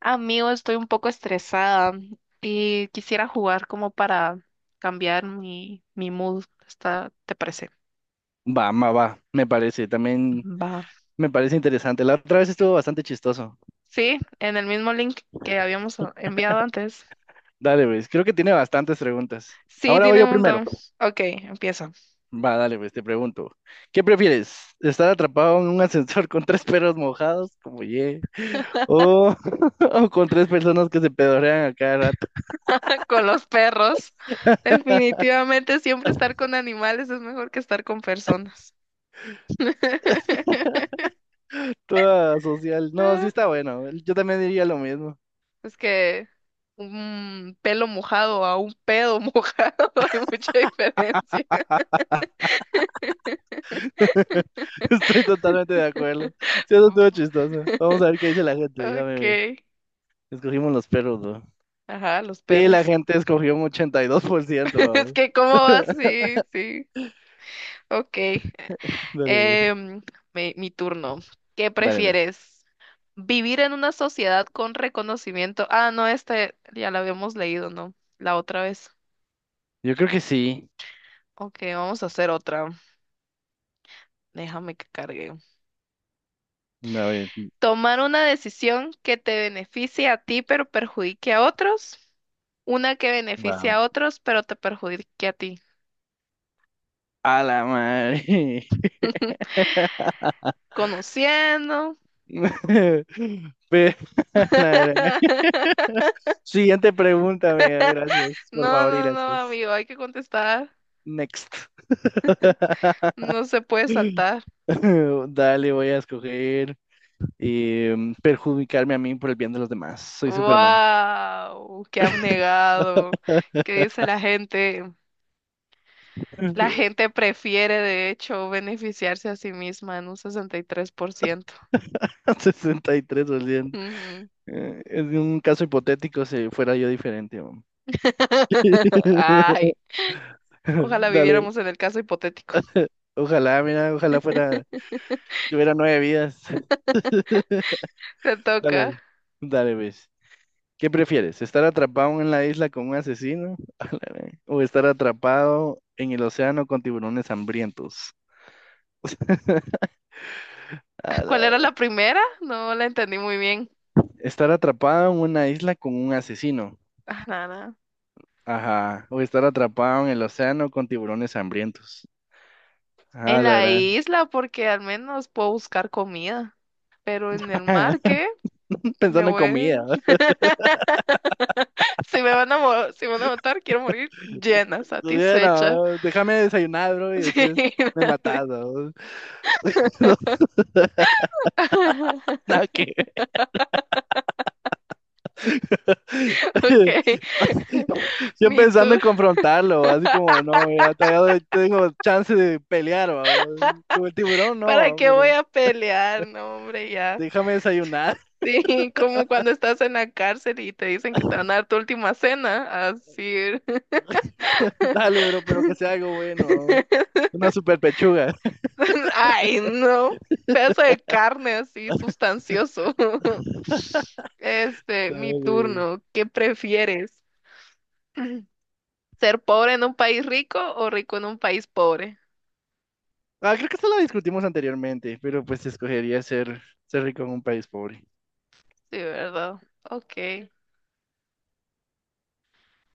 Amigo, estoy un poco estresada y quisiera jugar como para cambiar mi mood. Está, ¿te parece? Va, me parece, también Va. me parece interesante. La otra vez estuvo bastante chistoso. Sí, en el mismo link que habíamos enviado antes. Dale, pues, creo que tiene bastantes preguntas. Sí, Ahora voy tiene yo un primero. montón. Ok, empiezo. Va, dale, pues, te pregunto. ¿Qué prefieres? ¿Estar atrapado en un ascensor con tres perros mojados, como ye? O, o con tres personas que se pedorean a cada rato? Con los perros. Definitivamente siempre estar con animales es mejor que estar con personas. Toda social. No, sí Ah, está bueno. Yo también diría lo mismo. es que un pelo mojado a un pedo mojado hay mucha diferencia. Estoy totalmente de acuerdo. Sí, eso estuvo chistoso. Vamos a ver qué dice la gente, déjame Ok. ver. Escogimos los perros, ¿no? Ajá, los Sí, la perros. gente escogió un 82%. Es Vamos. que, ¿cómo va? Sí, sí. Ok. Dale, ve. Em, mi turno. ¿Qué Dale, ve. prefieres? ¿Vivir en una sociedad con reconocimiento? Ah, no, este ya la habíamos leído, ¿no? La otra vez. Yo creo que sí. Ok, vamos a hacer otra. Déjame que cargue. A ver, ¿Tomar una decisión que te beneficie a ti pero perjudique a otros? ¿Una que beneficie a vamos. otros pero te perjudique a ti? A la madre. Conociendo. Ve, la verdad. Siguiente pregunta, amiga. Gracias, por No, favor, y no, no, gracias. amigo, hay que contestar. Next. No se puede saltar. Dale, voy a escoger perjudicarme a mí por el bien de los demás. Soy Superman. ¡Wow! ¡Qué abnegado! ¿Qué dice la gente? La gente prefiere, de hecho, beneficiarse a sí misma en un 63%. 63%. Ujú. Es un caso hipotético si fuera yo diferente, ¿no? Ay, ojalá Dale, viviéramos en el caso hipotético. ojalá, mira, tuviera nueve vidas. Te toca. Dale, dale, ves. ¿Qué prefieres? ¿Estar atrapado en la isla con un asesino? ¿O estar atrapado en el océano con tiburones hambrientos? A la ¿Cuál era ve- la primera? No la entendí muy bien. Estar atrapado en una isla con un asesino. Ah, nada. Ajá. O estar atrapado en el océano con tiburones hambrientos. Ah, En la la verdad. isla, porque al menos puedo buscar comida. Pero en el mar, ¿qué? Me Pensando en voy. comida. Si me van a, mo- si me van a matar, quiero morir llena, Todavía satisfecha. no, déjame desayunar, bro, y Sí. después me matas, bro. No, nada que ver. Ok, Yo mi pensando tour. en confrontarlo, así como, no, mira, todavía doy- tengo chance de pelear, bro. Como el tiburón, ¿Para no, qué pero voy a pelear? No, hombre, ya. déjame desayunar. Sí, como cuando estás en la cárcel y te dicen que te van a dar tu última cena. Así. Dale, bro, pero que sea algo bueno. Una super pechuga. Ay, no. Pedazo de carne así, sustancioso. Este, mi Dale. turno. ¿Qué prefieres? ¿Ser pobre en un país rico o rico en un país pobre? Ah, creo que esto lo discutimos anteriormente, pero pues escogería ser rico en un país pobre. Sí, ¿verdad? Ok.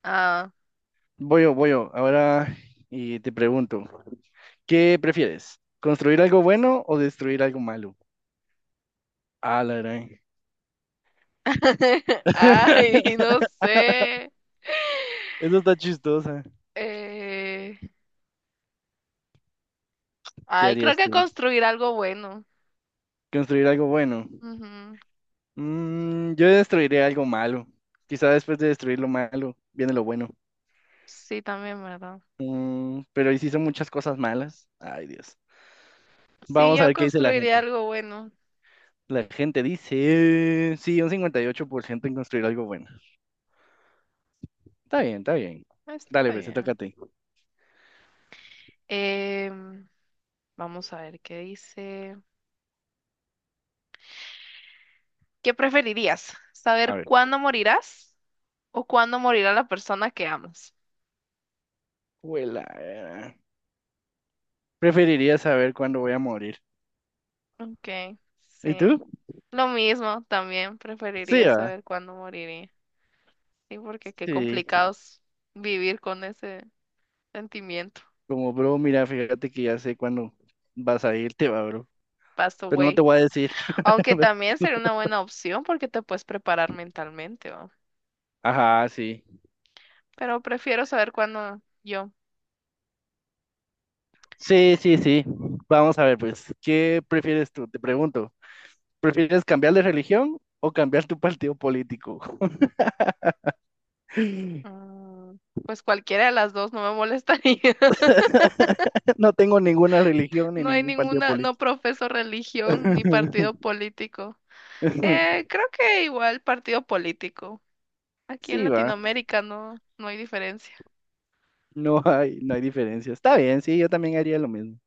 Ah. Voy yo, voy yo. Ahora y te pregunto, ¿qué prefieres? ¿Construir algo bueno o destruir algo malo? Ah, la gran. Ay, no sé. Eso está chistosa. Eh, ¿Qué ay, creo harías que tú? construir algo bueno. ¿Construir algo bueno? Ujú. Mm, yo destruiré algo malo. Quizá después de destruir lo malo, viene lo bueno. Sí, también, ¿verdad? Mm, pero hiciste muchas cosas malas. Ay, Dios. Sí, Vamos a yo ver qué dice la construiría gente. algo bueno. La gente dice, sí, un 58% en construir algo bueno. Está bien, está bien. Dale, Está pues, se toca a bien. ti. Em, vamos a ver qué dice. ¿Qué preferirías? A ¿Saber ver. cuándo morirás o cuándo morirá la persona que amas? Huela. Preferiría saber cuándo voy a morir. Ok, ¿Y sí. tú? Lo mismo, también Sí, preferiría va. saber cuándo moriré. Sí, porque qué Sí. complicado es vivir con ese sentimiento. Como, bro, mira, fíjate que ya sé cuándo vas a irte, va, bro. Passed Pero no te away. voy a decir. Aunque también sería una buena opción porque te puedes preparar mentalmente, ¿va? Ajá, sí. Pero prefiero saber cuándo yo. Sí, sí, sí. Vamos a ver, pues, ¿qué prefieres tú? Te pregunto. ¿Prefieres cambiar de religión o cambiar tu partido político? Mm, pues cualquiera de las dos no me molestaría. No tengo ninguna religión ni No hay ningún partido ninguna, no político. profeso religión ni partido político. Creo que igual partido político. Aquí en Sí, va. Latinoamérica no, no hay diferencia. No hay, no hay diferencia. Está bien, sí, yo también haría lo mismo.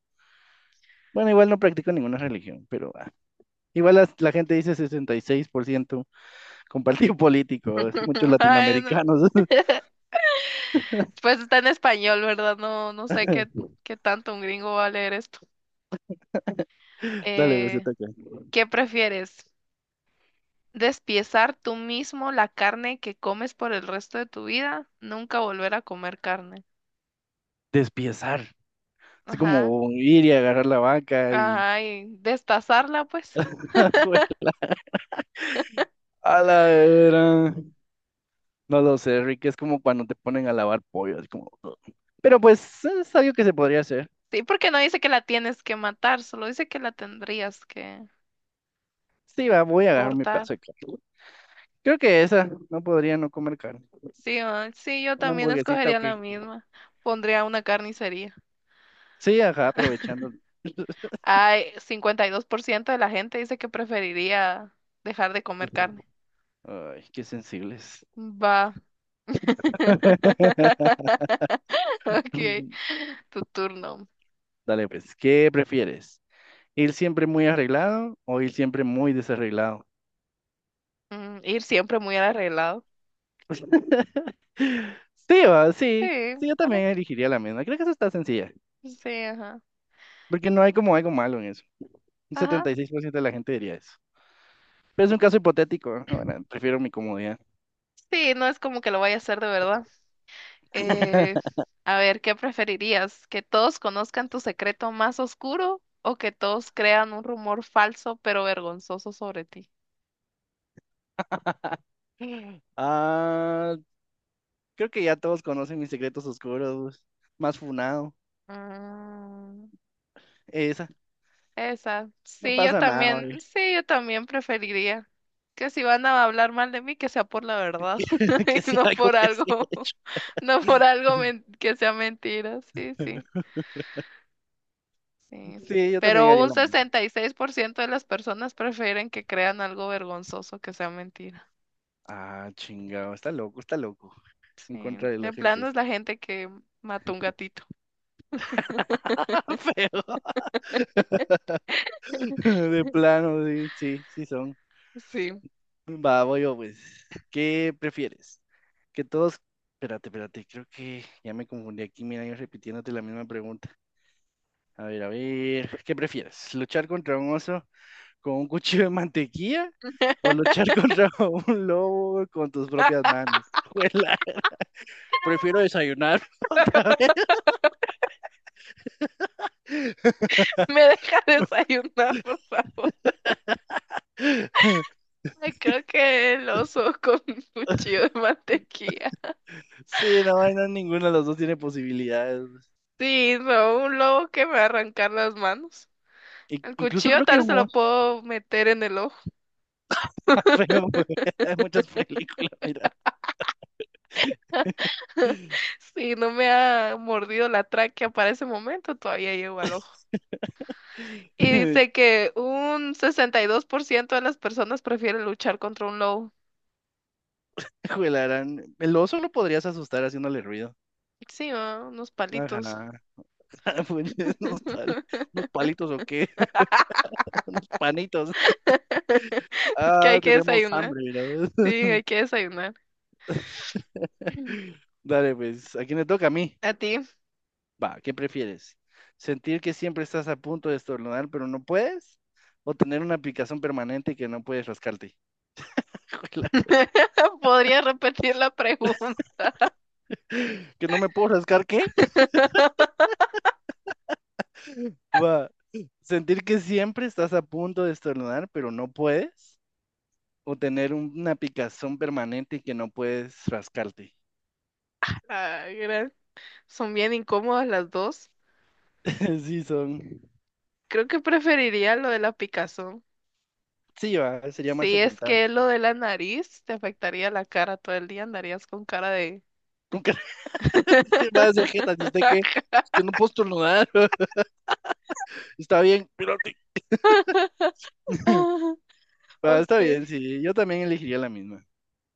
Bueno, igual no practico ninguna religión, pero ah, igual la gente dice 66% con partido político. Muchos Bueno, latinoamericanos. pues está en español, ¿verdad? No, no sé qué, qué tanto un gringo va a leer esto. Dale, pues, te Eh, toca. ¿Qué prefieres? ¿Despiezar tú mismo la carne que comes por el resto de tu vida? Nunca volver a comer carne. Despiezar. Así Ajá. como ir y agarrar la vaca y... Ay, destazarla, pues. Bueno, a la era. No lo sé, Rick, es como cuando te ponen a lavar pollo, así como... Pero pues es algo que se podría hacer. Sí, porque no dice que la tienes que matar, solo dice que la tendrías que Sí, va, voy a agarrar mi cortar. pedazo de carne. Creo que esa, no podría no comer carne. Sí, ah, sí, yo Una también hamburguesita, escogería ok. la misma. Pondría una carnicería. Sí, ajá, aprovechando. Hay 52% de la gente dice que preferiría dejar de comer carne. Ay, qué sensibles. Va, ok, tu turno. Dale, pues, ¿qué prefieres? ¿Ir siempre muy arreglado o ir siempre muy desarreglado? Ir siempre muy arreglado. Sí, va, Sí, sí. Sí, yo también bueno, elegiría la misma. Creo que eso está sencilla. sí, ajá. Porque no hay como algo malo en eso. Un Ajá, 76% de la gente diría eso. Pero es un caso hipotético, ¿no? Bueno, prefiero mi comodidad. sí, no es como que lo vaya a hacer de verdad. Eh, a ver, ¿qué preferirías? ¿Que todos conozcan tu secreto más oscuro o que todos crean un rumor falso pero vergonzoso sobre ti? Ah, creo que ya todos conocen mis secretos oscuros. Más funado. Mm, Esa. Esa, No pasa nada, oye. sí, yo también preferiría que si van a hablar mal de mí, que sea por la verdad Que y sea no algo por que se ha algo, hecho. no por algo que sea mentira, sí, sí, sí. Sí, yo también Pero haría un la misma. 66% de las personas prefieren que crean algo vergonzoso que sea mentira. Ah, chingado, está loco, está loco. En Sí, contra de la de plano gente. es la gente que mató un gatito. Feo. De plano, sí, sí, sí son. Sí, Va, voy yo, pues. ¿Qué prefieres? Que todos. Espérate, espérate, creo que ya me confundí aquí. Mira, yo repitiéndote la misma pregunta. A ver, a ver. ¿Qué prefieres? ¿Luchar contra un oso con un cuchillo de mantequilla? ¿O luchar contra un lobo con tus propias manos? Juela, prefiero desayunar otra vez. me deja desayunar, por favor. Ay, creo que el oso con un cuchillo de mantequilla. Sí, no, no, ninguno de los dos tiene posibilidades. Sí, no, un lobo que me va a arrancar las manos. El Incluso cuchillo creo que tal se humor lo puedo meter en el ojo. está feo, güey. Hay muchas películas, mira. Si no me ha mordido la tráquea para ese momento, todavía llego al ojo. Y dice que un 62% de las personas prefieren luchar contra un lobo. Juelarán. El oso lo podrías asustar haciéndole ruido. Sí, ah, unos Ajá. palitos. Pues, Unos pali- unos palitos o qué. Unos panitos. Es que hay Ah, que tenemos desayunar. hambre, Sí, mira. hay que desayunar. Dale, pues, ¿a quién le toca? A mí. ¿A ti? Va, ¿qué prefieres? ¿Sentir que siempre estás a punto de estornudar, pero no puedes? ¿O tener una picazón permanente que no puedes rascarte? ¿Podría repetir la pregunta? Que no me puedo rascar, ¿qué? Va. Sentir que siempre estás a punto de estornudar, pero no puedes. O tener una picazón permanente y que no puedes rascarte. Ay, son bien incómodas las dos. Sí, son. Creo que preferiría lo de la picazón. Sí, va, sería más Sí, es soportable. que lo de la nariz te afectaría la cara todo el día, andarías con cara de... Nunca se va a hacer jeta, si usted qué yo no puedo estornudar. Está bien, espérate. Ah, Va, está ok. bien, sí. Yo también elegiría la misma.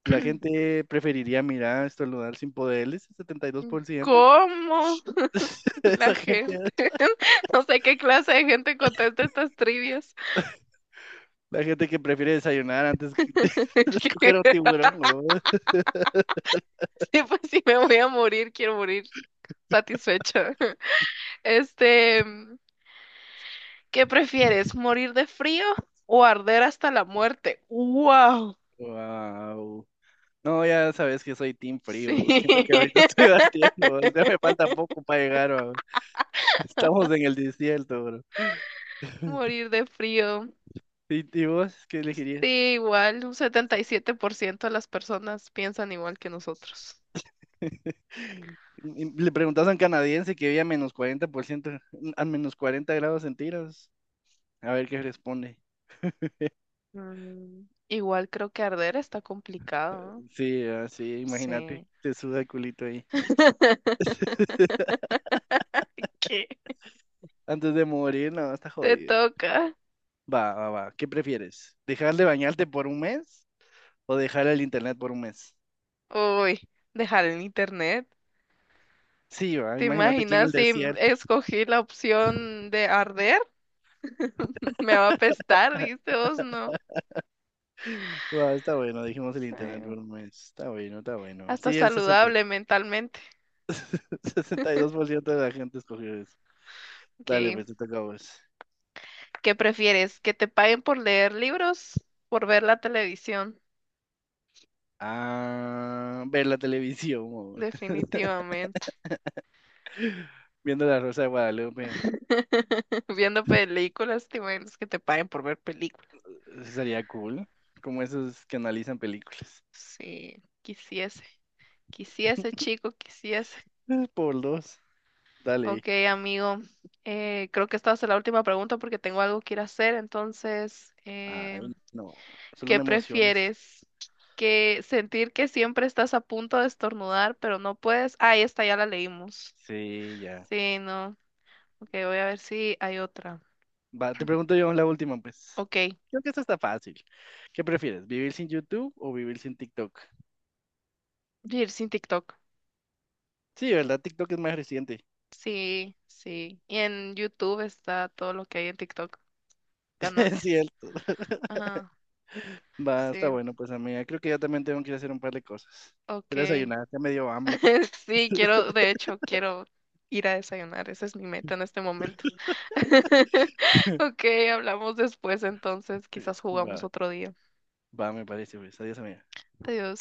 La gente preferiría mirar estornudar sin poderes, el 72%. ¿Cómo la Esa gente, gente? No sé qué clase de gente contesta estas trivias. la gente que prefiere desayunar antes que de escoger un tiburón, ¿no? Sí, pues si me voy a morir, quiero morir satisfecha. Este, ¿qué prefieres? ¿Morir de frío o arder hasta la muerte? ¡Wow! Wow. No, ya sabes que soy team frío. Sí, Siento que ahorita estoy bateando, o sea, me falta poco para llegar, bro. Estamos en el desierto, bro. morir de frío. ¿Y vos qué Sí, elegirías? igual, un 77% de las personas piensan igual que nosotros. Y le preguntas a un canadiense que vive a menos 40%, a menos 40 grados centígrados. A ver qué responde. Igual creo que arder está complicado, ¿no? Sí, así, imagínate, Sí. te suda el culito ahí. ¿Qué? Antes de morir, no, está Te jodido. toca. Va, va, va. ¿Qué prefieres? ¿Dejar de bañarte por un mes o dejar el internet por un mes? Uy, dejar el internet. Sí, va. ¿Te Imagínate aquí en el imaginas si desierto. escogí la opción de arder? Me va a apestar, dice vos, no. Va, está bueno, dijimos el Sí. internet por un mes. Está bueno, está bueno. Hasta Sí, el saludable mentalmente. 62% de la gente escogió eso. Ok. Dale, pues, te toca a vos. ¿Qué prefieres? ¿Que te paguen por leer libros? ¿Por ver la televisión? Ah, ver la televisión, o Definitivamente. viendo La Rosa de Guadalupe. Viendo películas, te imaginas que te paguen por ver películas. Eso sería cool. Como esos que analizan películas. Sí, quisiese, quisiese, chico, quisiese. Por dos. Dale. Ok, amigo, creo que esta va a ser la última pregunta porque tengo algo que ir a hacer. Entonces, Ay, no. Solo ¿qué me emocionas. prefieres? ¿Que sentir que siempre estás a punto de estornudar, pero no puedes? Ah, esta ya la leímos. Sí, ya. Sí, no. Ok, voy a ver si hay otra. Va, te pregunto yo la última, pues. Ok, Creo que esta está fácil. ¿Qué prefieres, vivir sin YouTube o vivir sin TikTok? vivir sin TikTok. Sí, ¿verdad? TikTok es más reciente. Sí, sí. Y en YouTube está todo lo que hay en TikTok, Es ganancias. cierto. Ajá, Va, está sí, bueno, pues, amiga. Creo que yo también tengo que ir a hacer un par de cosas. Voy a ok. desayunar, ya me dio hambre. Sí, quiero, de hecho, quiero ir a desayunar. Esa es mi meta en este momento. Ok, hablamos después entonces, quizás jugamos Va, otro día. va, me parece, pues. Adiós, amiga. Adiós.